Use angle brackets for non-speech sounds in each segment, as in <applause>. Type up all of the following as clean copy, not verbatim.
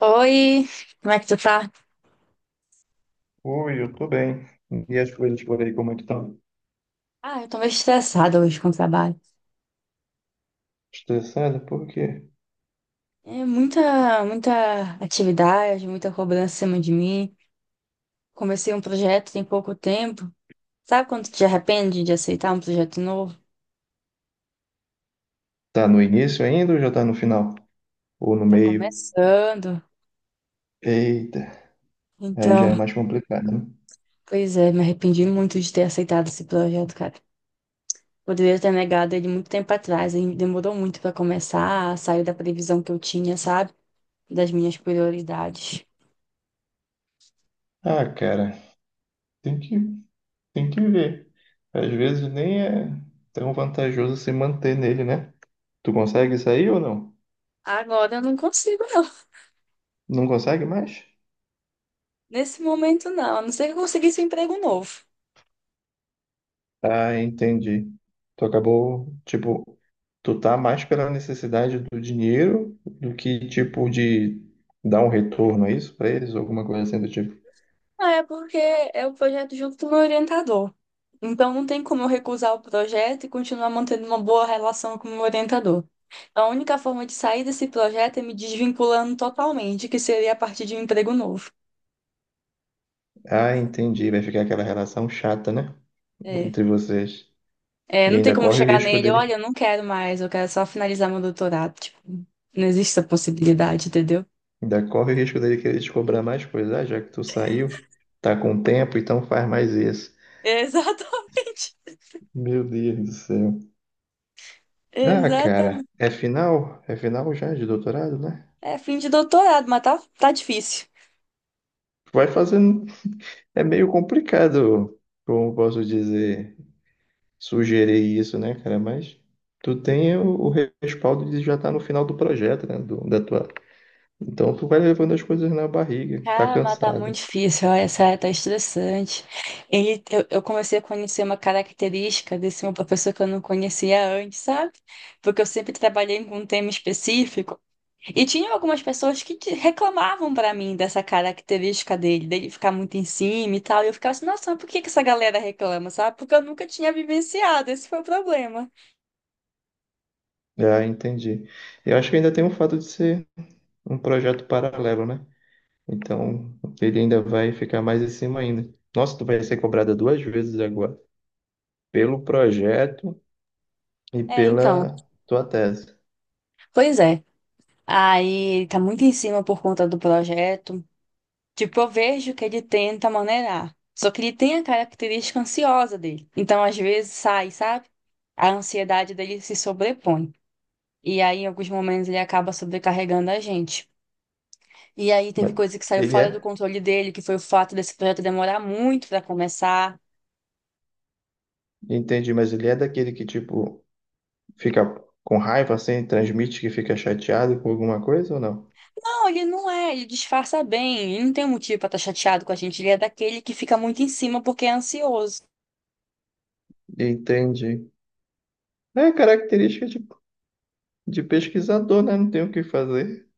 Oi, como é que tu tá? Oi, eu tô bem. E as coisas por aí, como é que estão? Ah, eu tô meio estressada hoje com o trabalho. Estressada? Por quê? É muita atividade, muita cobrança em cima de mim. Comecei um projeto tem pouco tempo. Sabe quando tu te arrepende de aceitar um projeto novo? Tá no início ainda ou já tá no final? Ou no Tá meio? começando. Eita, aí já Então, é mais complicado, né? pois é, me arrependi muito de ter aceitado esse projeto, cara. Poderia ter negado ele muito tempo atrás. Ele demorou muito pra começar, saiu da previsão que eu tinha, sabe? Das minhas prioridades. Ah, cara, tem que, tem que ver. Às vezes nem é tão vantajoso se manter nele, né? Tu consegue sair ou não? Agora eu não consigo, não. Não consegue mais? Nesse momento, não, a não ser que eu conseguisse um emprego novo. Ah, entendi. Tu acabou, tipo, tu tá mais pela necessidade do dinheiro do que, tipo, de dar um retorno, é isso, pra eles? Ou alguma coisa assim do tipo. Ah, é porque é o projeto junto do meu orientador. Então, não tem como eu recusar o projeto e continuar mantendo uma boa relação com o meu orientador. A única forma de sair desse projeto é me desvinculando totalmente, que seria a partir de um emprego novo. Ah, entendi. Vai ficar aquela relação chata, né? É. Entre vocês. É, E não tem ainda como corre o chegar risco nele, olha, dele. eu não quero mais, eu quero só finalizar meu doutorado. Tipo, não existe essa possibilidade, entendeu? Ainda corre o risco dele querer te cobrar mais coisa, ah, já que tu saiu, tá com tempo, então faz mais isso. <laughs> Exatamente. Meu Deus do céu. Ah, cara, Exatamente. é final? É final já de doutorado, né? É fim de doutorado, mas tá difícil. Vai fazer É meio complicado, como posso dizer, sugerir isso, né, cara? Mas tu tem o respaldo de já estar no final do projeto, né? Da tua... Então tu vai levando as coisas na barriga, tá Cara, mas tá cansada. muito difícil, olha, sério, tá estressante. Eu comecei a conhecer uma característica desse meu professor que eu não conhecia antes, sabe? Porque eu sempre trabalhei com um tema específico. E tinha algumas pessoas que reclamavam pra mim dessa característica dele, dele ficar muito em cima e tal. E eu ficava assim, nossa, mas por que que essa galera reclama, sabe? Porque eu nunca tinha vivenciado, esse foi o problema. Ah, entendi. Eu acho que ainda tem o fato de ser um projeto paralelo, né? Então ele ainda vai ficar mais em cima ainda. Nossa, tu vai ser cobrada duas vezes agora, pelo projeto e É, então, pela tua tese. pois é. Aí ele tá muito em cima por conta do projeto. Tipo, eu vejo que ele tenta maneirar. Só que ele tem a característica ansiosa dele. Então, às vezes, sai, sabe? A ansiedade dele se sobrepõe. E aí, em alguns momentos, ele acaba sobrecarregando a gente. E aí, teve Mas coisa que saiu ele fora do é, controle dele, que foi o fato desse projeto demorar muito para começar. Mas ele é daquele que, tipo. Fica com raiva assim, transmite que fica chateado com alguma coisa ou não? Não, ele não é, ele disfarça bem, ele não tem motivo para estar chateado com a gente. Ele é daquele que fica muito em cima porque é ansioso. Entendi. É característica de pesquisador, né? Não tem o que fazer.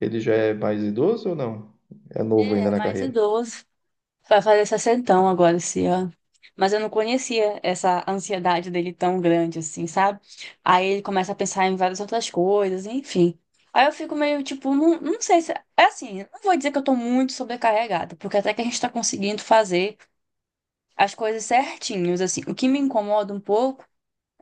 Ele já é mais idoso ou não? É novo ainda É, na mais carreira. idoso. Vai fazer 60 agora esse ano. Mas eu não conhecia essa ansiedade dele tão grande assim, sabe? Aí ele começa a pensar em várias outras coisas, enfim. Aí eu fico meio tipo, não, não sei se. É assim, não vou dizer que eu tô muito sobrecarregada, porque até que a gente tá conseguindo fazer as coisas certinhos, assim. O que me incomoda um pouco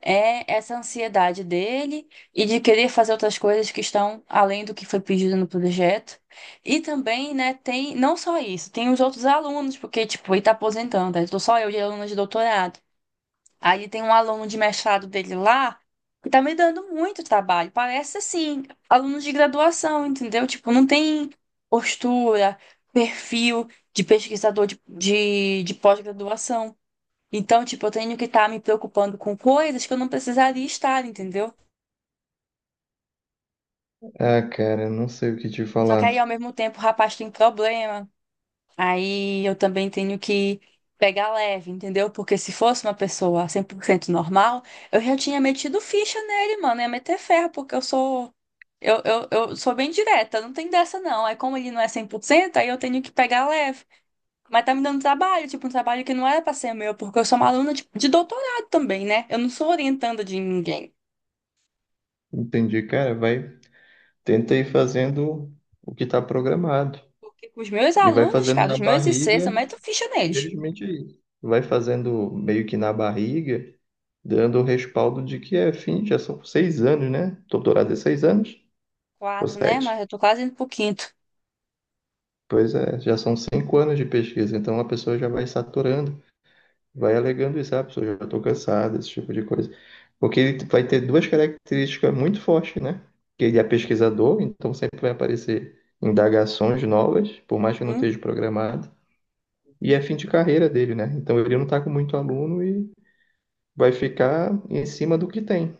é essa ansiedade dele e de querer fazer outras coisas que estão além do que foi pedido no projeto. E também, né, tem não só isso, tem os outros alunos, porque, tipo, ele está aposentando, aí estou só eu de aluno de doutorado. Aí tem um aluno de mestrado dele lá que tá me dando muito trabalho. Parece, assim, aluno de graduação, entendeu? Tipo, não tem postura, perfil de pesquisador de pós-graduação. Então, tipo, eu tenho que estar me preocupando com coisas que eu não precisaria estar, entendeu? Ah, cara, não sei o que te Só que aí, falar. ao mesmo tempo, o rapaz tem problema. Aí eu também tenho que pegar leve, entendeu? Porque se fosse uma pessoa 100% normal, eu já tinha metido ficha nele, mano. Ia meter ferro, porque eu sou. Eu sou bem direta, não tem dessa não. Aí, como ele não é 100% aí eu tenho que pegar leve. Mas tá me dando trabalho, tipo, um trabalho que não era pra ser meu, porque eu sou uma aluna de doutorado também, né? Eu não sou orientanda de ninguém. Entendi, cara. Vai, tenta ir fazendo o que está programado. Porque com os meus E vai alunos, fazendo cara, na os meus ICs, eu barriga, meto ficha neles. felizmente é isso. Vai fazendo meio que na barriga, dando o respaldo de que é fim, já são 6 anos, né? Doutorado é 6 anos. Ou Quatro, né? sete. Mas eu tô quase indo pro quinto. Pois é, já são 5 anos de pesquisa, então a pessoa já vai saturando, vai alegando isso, ah, a pessoa já estou cansada, esse tipo de coisa. Porque ele vai ter duas características muito fortes, né? Que ele é pesquisador, então sempre vai aparecer indagações novas, por mais que não Uhum. esteja programado, e é fim de carreira dele, né? Então ele não está com muito aluno e vai ficar em cima do que tem.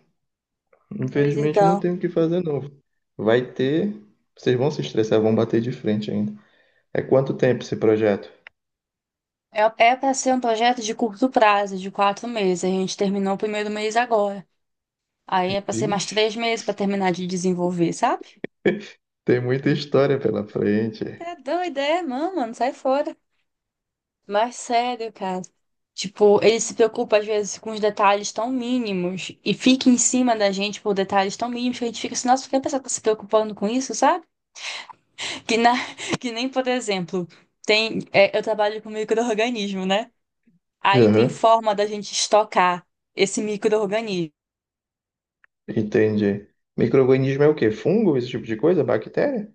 Pois Infelizmente não então. tem o que fazer novo. Vai ter, vocês vão se estressar, vão bater de frente ainda. É quanto tempo esse projeto? É, é para ser um projeto de curto prazo, de 4 meses. A gente terminou o primeiro mês agora. Aí é para ser mais Vixe, 3 meses para terminar de desenvolver, sabe? tem muita história pela frente. Tá doida, é, mano, sai fora. Mas sério, cara. Tipo, ele se preocupa às vezes com os detalhes tão mínimos e fica em cima da gente por detalhes tão mínimos que a gente fica assim, nossa, por que a pessoa tá se preocupando com isso, sabe? Que, <laughs> que nem, por exemplo, tem, é, eu trabalho com micro-organismo, né? Aí tem Aham, forma da gente estocar esse micro-organismo. entendi. Micro-organismo é o quê? Fungo, esse tipo de coisa? Bactéria?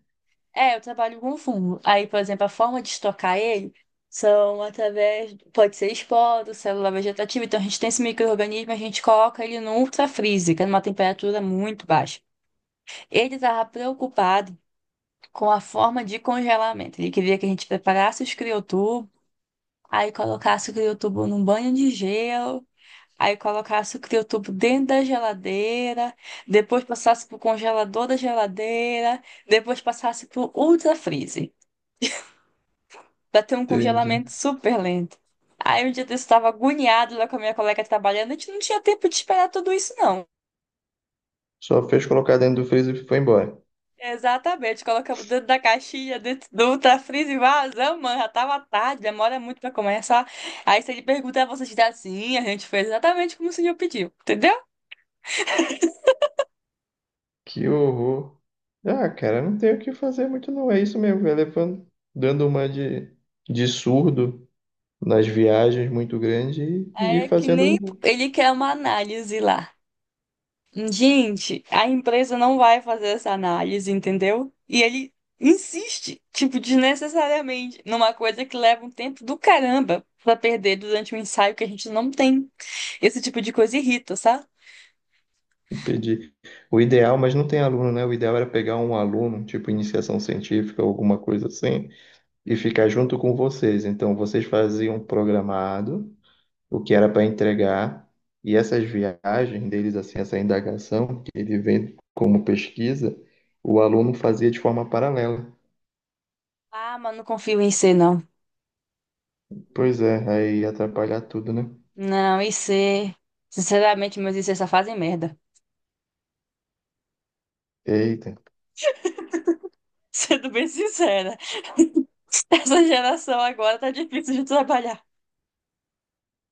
É, eu trabalho com fungo. Aí, por exemplo, a forma de estocar ele são através, pode ser esporo, célula vegetativa. Então, a gente tem esse micro-organismo, a gente coloca ele no ultrafreezer, que é numa temperatura muito baixa. Ele estava preocupado com a forma de congelamento. Ele queria que a gente preparasse os criotubos, aí colocasse o criotubo num banho de gelo. Aí colocar suco de tubo dentro da geladeira, depois passasse pro congelador da geladeira, depois passasse pro ultra-freezer, pra ter um Entendi. congelamento super lento. Aí um dia eu estava agoniado lá com a minha colega trabalhando, a gente não tinha tempo de esperar tudo isso, não. Só fez colocar dentro do freezer e foi embora. Exatamente, colocamos dentro da caixinha, dentro do ultra-freezer e vazamos, mano, já tava tarde, demora muito pra começar. Aí se ele perguntar, você diz assim, a gente fez exatamente como o senhor pediu, entendeu? Que horror. Ah, cara, não tem o que fazer muito não. É isso mesmo, vai levando, dando uma de surdo nas viagens muito grande e É que fazendo nem ele quer uma análise lá. Gente, a empresa não vai fazer essa análise, entendeu? E ele insiste, tipo, desnecessariamente, numa coisa que leva um tempo do caramba pra perder durante um ensaio que a gente não tem. Esse tipo de coisa irrita, sabe? pedir. O ideal, mas não tem aluno, né? O ideal era pegar um aluno, tipo iniciação científica, alguma coisa assim. E ficar junto com vocês. Então, vocês faziam programado o que era para entregar, e essas viagens deles, assim, essa indagação que ele vem como pesquisa, o aluno fazia de forma paralela. Ah, mas não confio em C, não. Pois é, aí ia atrapalhar tudo, né? Não, I C. Sinceramente, meus IC só fazem merda. Eita, <laughs> Sendo bem sincera, essa geração agora tá difícil de trabalhar.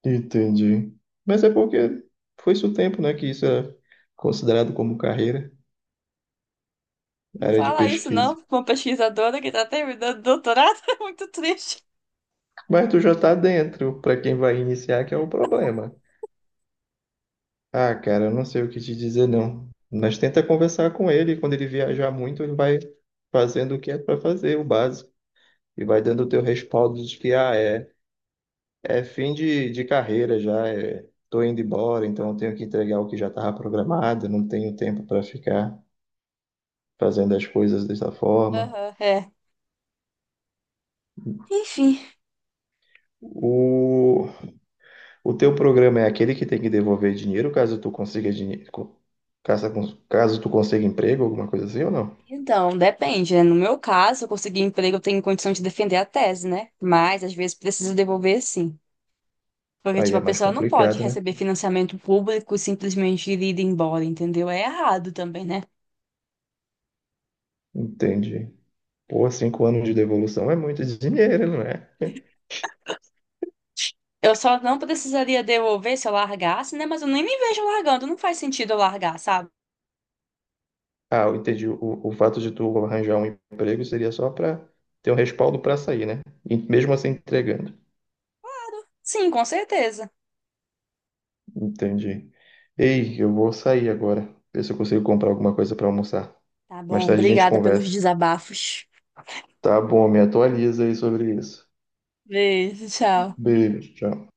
entendi. Mas é porque foi isso o tempo, né, que isso era considerado como carreira, Não área de fala isso, pesquisa. não, pra uma pesquisadora que tá terminando o doutorado. <laughs> É muito triste. Mas tu já tá dentro, para quem vai iniciar, que é o problema. Ah, cara, eu não sei o que te dizer, não. Mas tenta conversar com ele. Quando ele viajar muito, ele vai fazendo o que é para fazer, o básico. E vai dando o teu respaldo de que, ah, é, é fim de carreira já, é, tô indo embora, então eu tenho que entregar o que já estava programado, não tenho tempo para ficar fazendo as coisas dessa forma. Aham, é. Enfim. O, o teu programa é aquele que tem que devolver dinheiro caso tu consiga dinheiro, caso, caso tu consiga emprego, alguma coisa assim ou não? Então, depende, né? No meu caso, eu consegui emprego, eu tenho condição de defender a tese, né? Mas às vezes preciso devolver sim. Porque, Aí tipo, é a mais pessoa não pode complicado, né? receber financiamento público e simplesmente ir embora, entendeu? É errado também, né? Entendi. Pô, 5 anos de devolução é muito dinheiro, não é Eu só não precisaria devolver se eu largasse, né? Mas eu nem me vejo largando, não faz sentido eu largar, sabe? Ah, eu entendi. O fato de tu arranjar um emprego seria só para ter um respaldo para sair, né? E mesmo assim entregando. Sim, com certeza. Entendi. Ei, eu vou sair agora. Ver se eu consigo comprar alguma coisa para almoçar. Tá Mais bom, tarde a gente obrigada pelos conversa. desabafos. Tá bom, me atualiza aí sobre isso. Beijo, tchau. Beijo, tchau.